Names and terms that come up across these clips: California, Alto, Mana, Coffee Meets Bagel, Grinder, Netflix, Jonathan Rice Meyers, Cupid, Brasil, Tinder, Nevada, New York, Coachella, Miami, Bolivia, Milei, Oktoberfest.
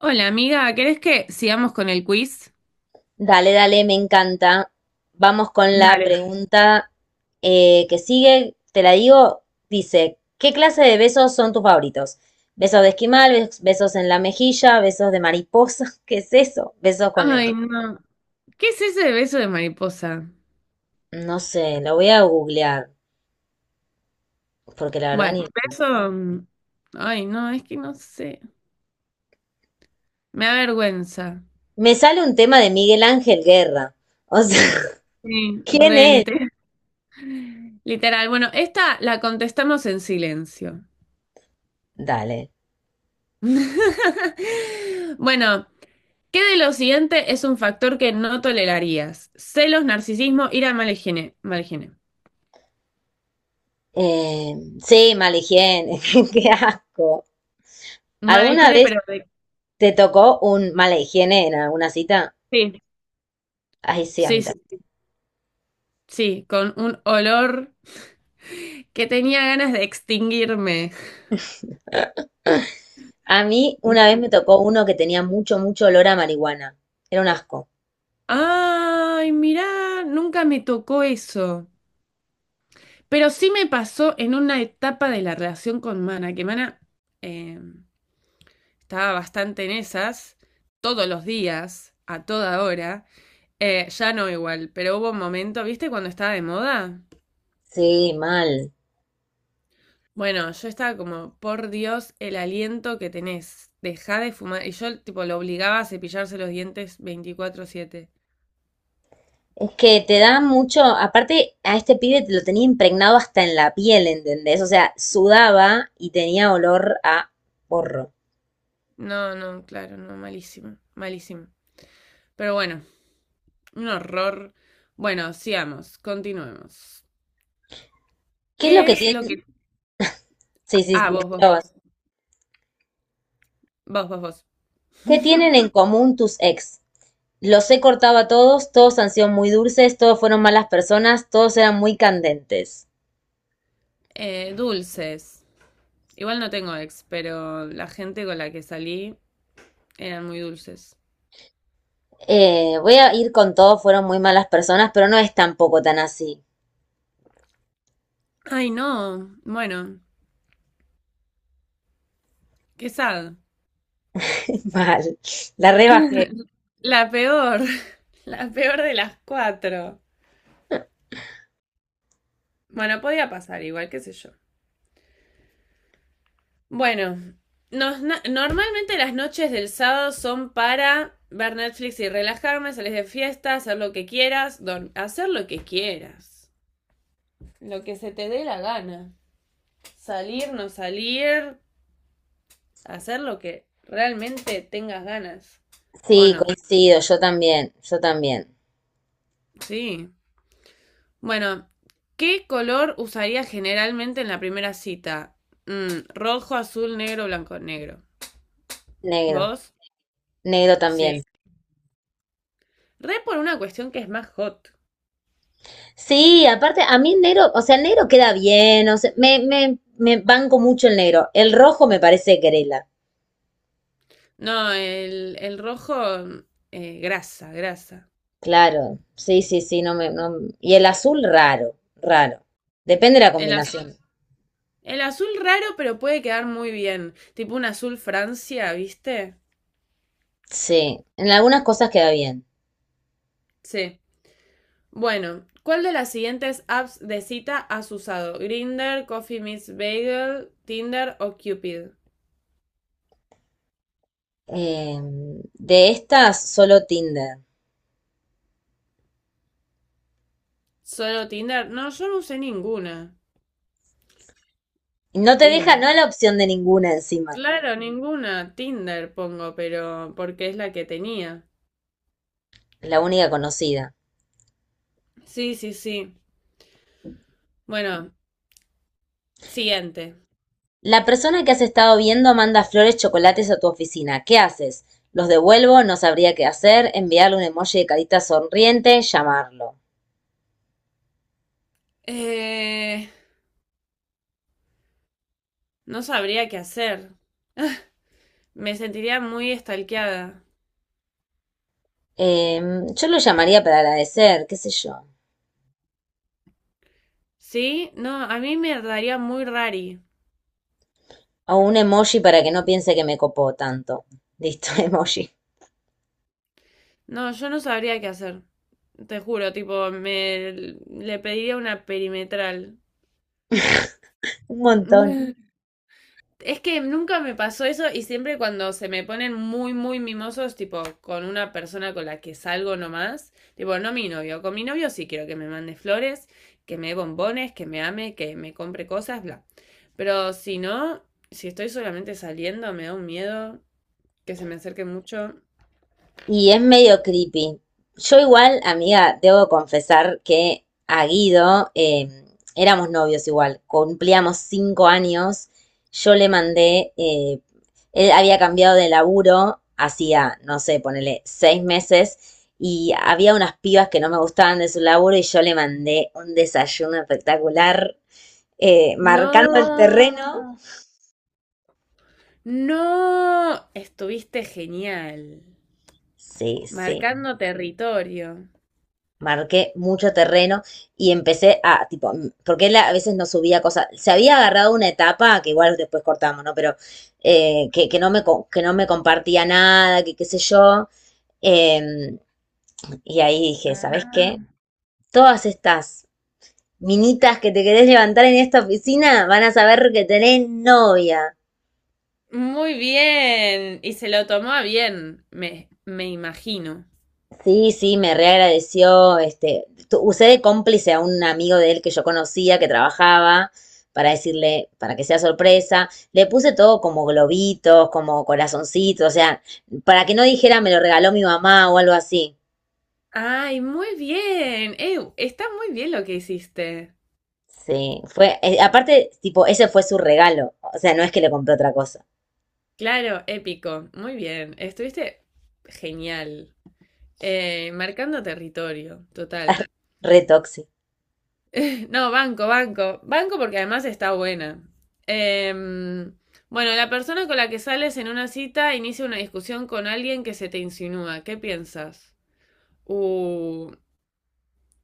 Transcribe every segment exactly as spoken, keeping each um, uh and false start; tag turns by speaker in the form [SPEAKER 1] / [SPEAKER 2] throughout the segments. [SPEAKER 1] Hola amiga, ¿querés que sigamos con el quiz?
[SPEAKER 2] Dale, dale, me encanta. Vamos con la
[SPEAKER 1] Dale.
[SPEAKER 2] pregunta eh, que sigue. Te la digo. Dice, ¿qué clase de besos son tus favoritos? Besos de esquimal, bes- besos en la mejilla, besos de mariposa. ¿Qué es eso? Besos con lengua.
[SPEAKER 1] Ay, no. ¿Qué es ese de beso de mariposa?
[SPEAKER 2] No sé, lo voy a googlear, porque la verdad
[SPEAKER 1] Bueno,
[SPEAKER 2] ni...
[SPEAKER 1] beso... mm, Ay, no, es que no sé. Me da vergüenza.
[SPEAKER 2] Me sale un tema de Miguel Ángel Guerra. O sea,
[SPEAKER 1] Sí,
[SPEAKER 2] ¿quién
[SPEAKER 1] re
[SPEAKER 2] es?
[SPEAKER 1] literal. Literal. Bueno, esta la contestamos en silencio.
[SPEAKER 2] Dale.
[SPEAKER 1] Bueno, ¿qué de lo siguiente es un factor que no tolerarías? Celos, narcisismo, ira, mala higiene. Mala higiene.
[SPEAKER 2] Eh, sí, mala higiene. Qué asco.
[SPEAKER 1] Mala
[SPEAKER 2] ¿Alguna
[SPEAKER 1] higiene,
[SPEAKER 2] vez
[SPEAKER 1] pero de...
[SPEAKER 2] te tocó un mala higiene en alguna cita?
[SPEAKER 1] sí,
[SPEAKER 2] Ay, sí, a mí
[SPEAKER 1] sí,
[SPEAKER 2] también.
[SPEAKER 1] sí, sí, con un olor. Que tenía ganas de extinguirme.
[SPEAKER 2] A mí una vez me tocó uno que tenía mucho, mucho olor a marihuana. Era un asco.
[SPEAKER 1] Ay, mirá, nunca me tocó eso. Pero sí me pasó en una etapa de la relación con Mana, que Mana eh, estaba bastante en esas, todos los días, a toda hora. Eh, ya no igual, pero hubo un momento, ¿viste cuando estaba de moda?
[SPEAKER 2] Sí, mal.
[SPEAKER 1] Bueno, yo estaba como, por Dios, el aliento que tenés, dejá de fumar. Y yo tipo lo obligaba a cepillarse los dientes veinticuatro siete.
[SPEAKER 2] Es que te da mucho, aparte a este pibe te lo tenía impregnado hasta en la piel, ¿entendés? O sea, sudaba y tenía olor a porro.
[SPEAKER 1] No, no, claro, no, malísimo, malísimo. Pero bueno, un horror. Bueno, sigamos, continuemos.
[SPEAKER 2] ¿Qué es lo
[SPEAKER 1] ¿Qué
[SPEAKER 2] que
[SPEAKER 1] es lo
[SPEAKER 2] tienen?
[SPEAKER 1] que...
[SPEAKER 2] Sí, sí,
[SPEAKER 1] Ah,
[SPEAKER 2] sí,
[SPEAKER 1] vos, vos,
[SPEAKER 2] decilo vos.
[SPEAKER 1] vos, vos, vos, vos.
[SPEAKER 2] ¿Qué tienen en común tus ex? Los he cortado a todos, todos han sido muy dulces, todos fueron malas personas, todos eran muy candentes.
[SPEAKER 1] Eh, dulces. Igual no tengo ex, pero la gente con la que salí eran muy dulces.
[SPEAKER 2] Eh, voy a ir con todos fueron muy malas personas, pero no es tampoco tan así.
[SPEAKER 1] Ay, no, bueno, qué sad.
[SPEAKER 2] Mal. La rebajé.
[SPEAKER 1] La peor, la peor de las cuatro. Bueno, podía pasar, igual, qué sé yo. Bueno, nos- na- normalmente las noches del sábado son para ver Netflix y relajarme, salir de fiesta, hacer lo que quieras, dor- hacer lo que quieras. Lo que se te dé la gana. Salir, no salir, hacer lo que realmente tengas ganas. ¿O
[SPEAKER 2] Sí,
[SPEAKER 1] no?
[SPEAKER 2] coincido, yo también, yo también.
[SPEAKER 1] Sí. Bueno, ¿qué color usarías generalmente en la primera cita? Mm, rojo, azul, negro, blanco, negro.
[SPEAKER 2] Negro,
[SPEAKER 1] ¿Vos?
[SPEAKER 2] negro
[SPEAKER 1] Sí.
[SPEAKER 2] también.
[SPEAKER 1] Re por una cuestión que es más hot.
[SPEAKER 2] Sí, aparte, a mí el negro, o sea, el negro queda bien, o sea, me, me, me banco mucho el negro. El rojo me parece querela.
[SPEAKER 1] No, el, el rojo, eh, grasa, grasa.
[SPEAKER 2] Claro, sí, sí, sí, no me, no- Y el azul, raro, raro. Depende de la
[SPEAKER 1] El azul,
[SPEAKER 2] combinación.
[SPEAKER 1] el azul raro, pero puede quedar muy bien. Tipo un azul Francia, ¿viste?
[SPEAKER 2] Sí, en algunas cosas queda bien.
[SPEAKER 1] Sí. Bueno, ¿cuál de las siguientes apps de cita has usado? Grinder, Coffee Miss Bagel, Tinder o Cupid?
[SPEAKER 2] Eh, de estas, solo Tinder.
[SPEAKER 1] ¿Solo Tinder? No, yo no usé ninguna.
[SPEAKER 2] Y no te deja,
[SPEAKER 1] Tinder.
[SPEAKER 2] no la opción de ninguna encima.
[SPEAKER 1] Claro, ninguna. Tinder pongo, pero porque es la que tenía.
[SPEAKER 2] La única conocida.
[SPEAKER 1] Sí, sí, sí. Bueno, siguiente.
[SPEAKER 2] La persona que has estado viendo manda flores, chocolates a tu oficina. ¿Qué haces? Los devuelvo, no sabría qué hacer, enviarle un emoji de carita sonriente, llamarlo.
[SPEAKER 1] Eh, No sabría qué hacer. Me sentiría muy estalqueada.
[SPEAKER 2] Em, yo lo llamaría para agradecer, qué sé yo.
[SPEAKER 1] ¿Sí? No, a mí me daría muy rari.
[SPEAKER 2] O un emoji para que no piense que me copó tanto. Listo, emoji.
[SPEAKER 1] No, yo no sabría qué hacer. Te juro, tipo, me le pediría una perimetral.
[SPEAKER 2] Un montón.
[SPEAKER 1] Es que nunca me pasó eso y siempre cuando se me ponen muy, muy mimosos, tipo con una persona con la que salgo nomás, tipo, no mi novio, con mi novio sí quiero que me mande flores, que me dé bombones, que me ame, que me compre cosas, bla. Pero si no, si estoy solamente saliendo, me da un miedo que se me acerque mucho.
[SPEAKER 2] Y es medio creepy. Yo igual, amiga, debo confesar que a Guido eh, éramos novios igual, cumplíamos cinco años, yo le mandé, eh, él había cambiado de laburo, hacía, no sé, ponele seis meses, y había unas pibas que no me gustaban de su laburo y yo le mandé un desayuno espectacular, eh, marcando el terreno.
[SPEAKER 1] No, no, estuviste genial,
[SPEAKER 2] Sí, sí.
[SPEAKER 1] marcando territorio.
[SPEAKER 2] Marqué mucho terreno y empecé a, tipo, mm, porque él a veces no subía cosas, se había agarrado una etapa, que igual después cortamos, ¿no? Pero eh, que, que, no me, que no me compartía nada, que qué sé yo. Eh, y ahí dije, ¿sabes
[SPEAKER 1] Ah.
[SPEAKER 2] qué? Todas estas minitas que te querés levantar en esta oficina van a saber que tenés novia.
[SPEAKER 1] Muy bien. Y se lo tomó a bien, me, me imagino.
[SPEAKER 2] Sí, sí, me reagradeció. Este, tu- usé de cómplice a un amigo de él que yo conocía, que trabajaba, para decirle, para que sea sorpresa. Le puse todo como globitos, como corazoncitos, o sea, para que no dijera me lo regaló mi mamá o algo así.
[SPEAKER 1] Ay, muy bien. Ew, está muy bien lo que hiciste.
[SPEAKER 2] Sí, fue, eh, aparte, tipo, ese fue su regalo. O sea, no es que le compré otra cosa.
[SPEAKER 1] Claro, épico. Muy bien. Estuviste genial. Eh, marcando territorio, total.
[SPEAKER 2] Re tóxico.
[SPEAKER 1] No, banco, banco. Banco porque además está buena. Em, bueno, la persona con la que sales en una cita inicia una discusión con alguien que se te insinúa. ¿Qué piensas? Uh,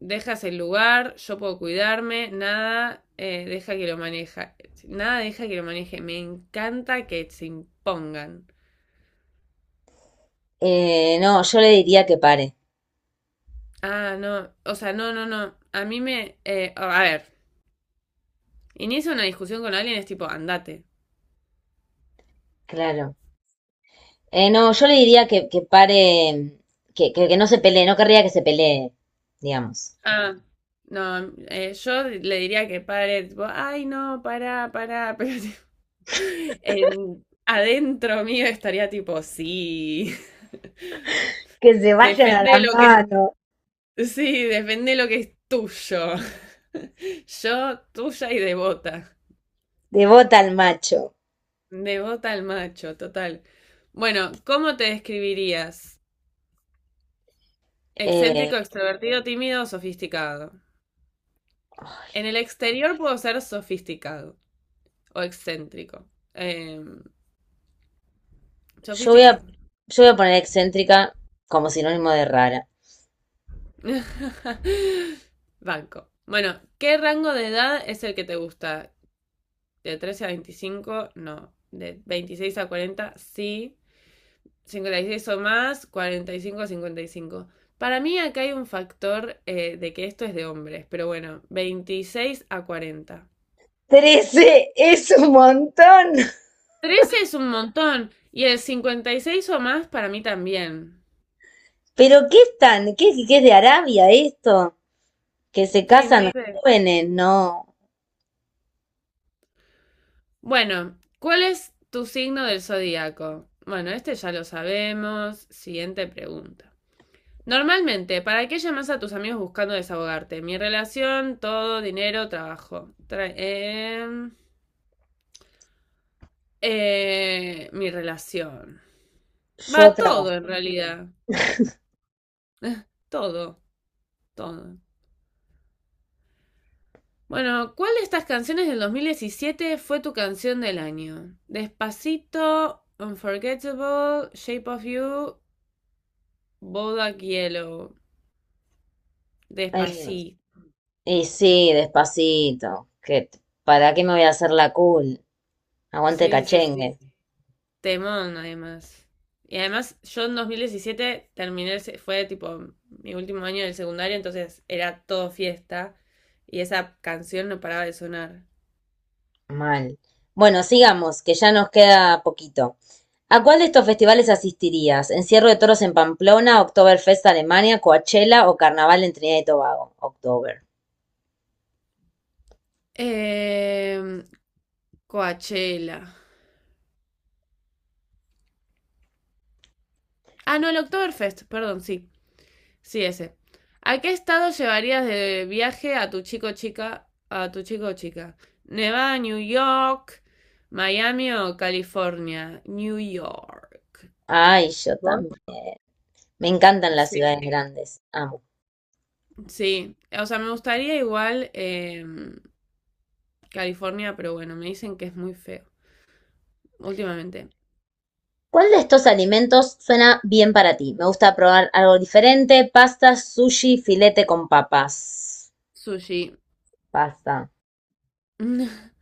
[SPEAKER 1] dejas el lugar, yo puedo cuidarme, nada eh, deja que lo maneje nada deja que lo maneje, me encanta que se impongan.
[SPEAKER 2] Eh, no, yo le diría que pare.
[SPEAKER 1] Ah, no, o sea, no, no, no, a mí me, eh, a ver, inicia una discusión con alguien es tipo, andate.
[SPEAKER 2] Claro. Eh, no, yo le diría que, que pare, que, que, que no se pelee, no querría que se pelee, digamos.
[SPEAKER 1] Ah, no, eh, yo le diría que pare, tipo, ay, no, para, para, pero tipo, en, adentro mío estaría tipo, sí,
[SPEAKER 2] Que se vayan a
[SPEAKER 1] defende
[SPEAKER 2] las
[SPEAKER 1] lo que
[SPEAKER 2] manos.
[SPEAKER 1] sí, depende de lo que es tuyo. Yo, tuya y devota.
[SPEAKER 2] De bota al macho.
[SPEAKER 1] Devota al macho, total. Bueno, ¿cómo te describirías?
[SPEAKER 2] Eh,
[SPEAKER 1] Excéntrico, extrovertido, tímido o sofisticado. En el exterior puedo ser sofisticado o excéntrico. Eh,
[SPEAKER 2] yo voy a,
[SPEAKER 1] sofisticado.
[SPEAKER 2] yo voy a poner excéntrica como sinónimo de rara.
[SPEAKER 1] Banco. Bueno, ¿qué rango de edad es el que te gusta? ¿De trece a veinticinco? No. ¿De veintiséis a cuarenta? Sí. Cincuenta y seis o más, cuarenta y cinco o cincuenta y cinco. Para mí acá hay un factor eh, de que esto es de hombres, pero bueno, veintiséis a cuarenta.
[SPEAKER 2] Trece es un montón.
[SPEAKER 1] Trece es un montón y el cincuenta y seis o más para mí también.
[SPEAKER 2] Pero ¿qué están? ¿Qué, ¿qué es de Arabia esto? Que se
[SPEAKER 1] Sí, no
[SPEAKER 2] casan
[SPEAKER 1] sé.
[SPEAKER 2] jóvenes, no.
[SPEAKER 1] Bueno, ¿cuál es tu signo del zodíaco? Bueno, este ya lo sabemos. Siguiente pregunta. Normalmente, ¿para qué llamas a tus amigos buscando desahogarte? Mi relación, todo, dinero, trabajo. Tra- em, Eh, mi relación.
[SPEAKER 2] Yo
[SPEAKER 1] Va todo
[SPEAKER 2] trabajo.
[SPEAKER 1] en realidad. Eh, Todo, todo. Bueno, ¿cuál de estas canciones del dos mil diecisiete fue tu canción del año? Despacito, Unforgettable, Shape of You, Bodak Yellow.
[SPEAKER 2] Eh,
[SPEAKER 1] Despacito.
[SPEAKER 2] y sí, despacito. Que, ¿para qué me voy a hacer la cool? Aguante el
[SPEAKER 1] Sí, sí, sí.
[SPEAKER 2] cachengue.
[SPEAKER 1] Temón, además. Y además, yo en dos mil diecisiete terminé, el se- fue tipo mi último año del secundario, entonces era todo fiesta. Y esa canción no paraba de sonar.
[SPEAKER 2] Mal. Bueno, sigamos, que ya nos queda poquito. ¿A cuál de estos festivales asistirías? ¿Encierro de toros en Pamplona, Oktoberfest Alemania, Coachella o Carnaval en Trinidad y Tobago? Oktober.
[SPEAKER 1] Eh, Coachella. Ah, no, el Oktoberfest, perdón, sí. Sí, ese. ¿A qué estado llevarías de viaje a tu chico o chica, a tu chico o chica? Nevada, New York, Miami o California? New York.
[SPEAKER 2] Ay, yo
[SPEAKER 1] ¿Vos?
[SPEAKER 2] también. Me encantan las
[SPEAKER 1] Sí,
[SPEAKER 2] ciudades grandes. Amo.
[SPEAKER 1] sí. O sea, me gustaría igual eh, California, pero bueno, me dicen que es muy feo últimamente.
[SPEAKER 2] ¿Cuál de estos alimentos suena bien para ti? Me gusta probar algo diferente. Pasta, sushi, filete con papas.
[SPEAKER 1] Sushi.
[SPEAKER 2] Pasta.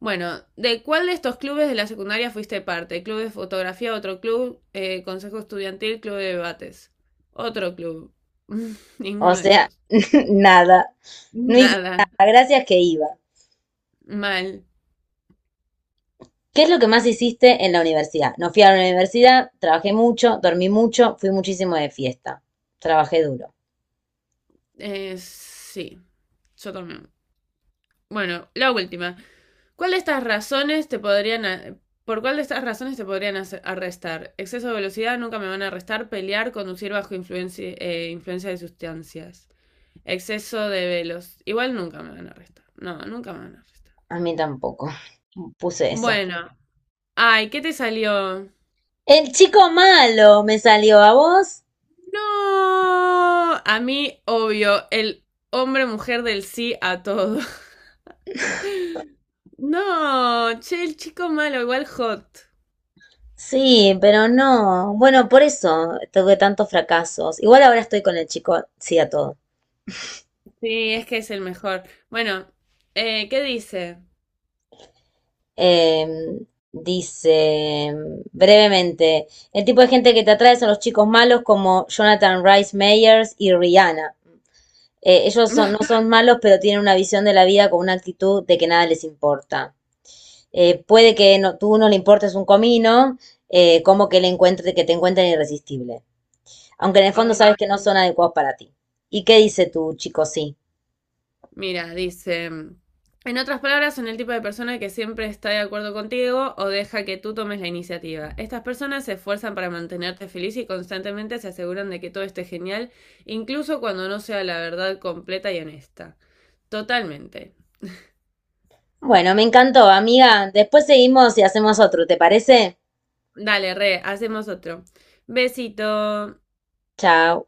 [SPEAKER 1] Bueno, ¿de cuál de estos clubes de la secundaria fuiste parte? Club de fotografía, otro club, eh, consejo estudiantil, club de debates. Otro club.
[SPEAKER 2] O
[SPEAKER 1] Ninguno de
[SPEAKER 2] sea,
[SPEAKER 1] esos.
[SPEAKER 2] nada. No hice
[SPEAKER 1] Nada.
[SPEAKER 2] nada. Gracias que iba.
[SPEAKER 1] Mal.
[SPEAKER 2] ¿Qué es lo que más hiciste en la universidad? No fui a la universidad, trabajé mucho, dormí mucho, fui muchísimo de fiesta. Trabajé duro.
[SPEAKER 1] Eh, sí, yo también. Bueno, la última. ¿Cuál de estas razones te podrían... a- ¿Por cuál de estas razones te podrían hacer- arrestar? Exceso de velocidad, nunca me van a arrestar. Pelear, conducir bajo influencia, eh, influencia de sustancias. Exceso de velos. Igual nunca me van a arrestar. No, nunca me van a arrestar.
[SPEAKER 2] A mí tampoco. Puse eso.
[SPEAKER 1] Bueno, ay, ¿qué te salió?
[SPEAKER 2] El chico malo me salió a vos.
[SPEAKER 1] No, a mí, obvio, el hombre-mujer del sí a todo. No, che, el chico malo, igual hot.
[SPEAKER 2] Sí, pero no. Bueno, por eso tuve tantos fracasos. Igual ahora estoy con el chico, sí a todo.
[SPEAKER 1] Sí, es que es el mejor. Bueno, eh, ¿qué dice?
[SPEAKER 2] Em, Dice brevemente, el tipo de gente que te atrae son los chicos malos como Jonathan Rice Meyers y Rihanna. Eh, ellos son- no son malos, pero tienen una visión de la vida con una actitud de que nada les importa. Eh, puede que no, tú no le importes un comino, eh, como que le encuentre, que te encuentren irresistible. Aunque en el fondo
[SPEAKER 1] Ay,
[SPEAKER 2] sabes que no son adecuados para ti. ¿Y qué dice tu chico sí?
[SPEAKER 1] mira, dice, mm, en otras palabras, son el tipo de persona que siempre está de acuerdo contigo o deja que tú tomes la iniciativa. Estas personas se esfuerzan para mantenerte feliz y constantemente se aseguran de que todo esté genial, incluso cuando no sea la verdad completa y honesta. Totalmente.
[SPEAKER 2] Bueno, me encantó, amiga. Después seguimos y hacemos otro, ¿te parece?
[SPEAKER 1] Dale, re, hacemos otro. Besito.
[SPEAKER 2] Chao.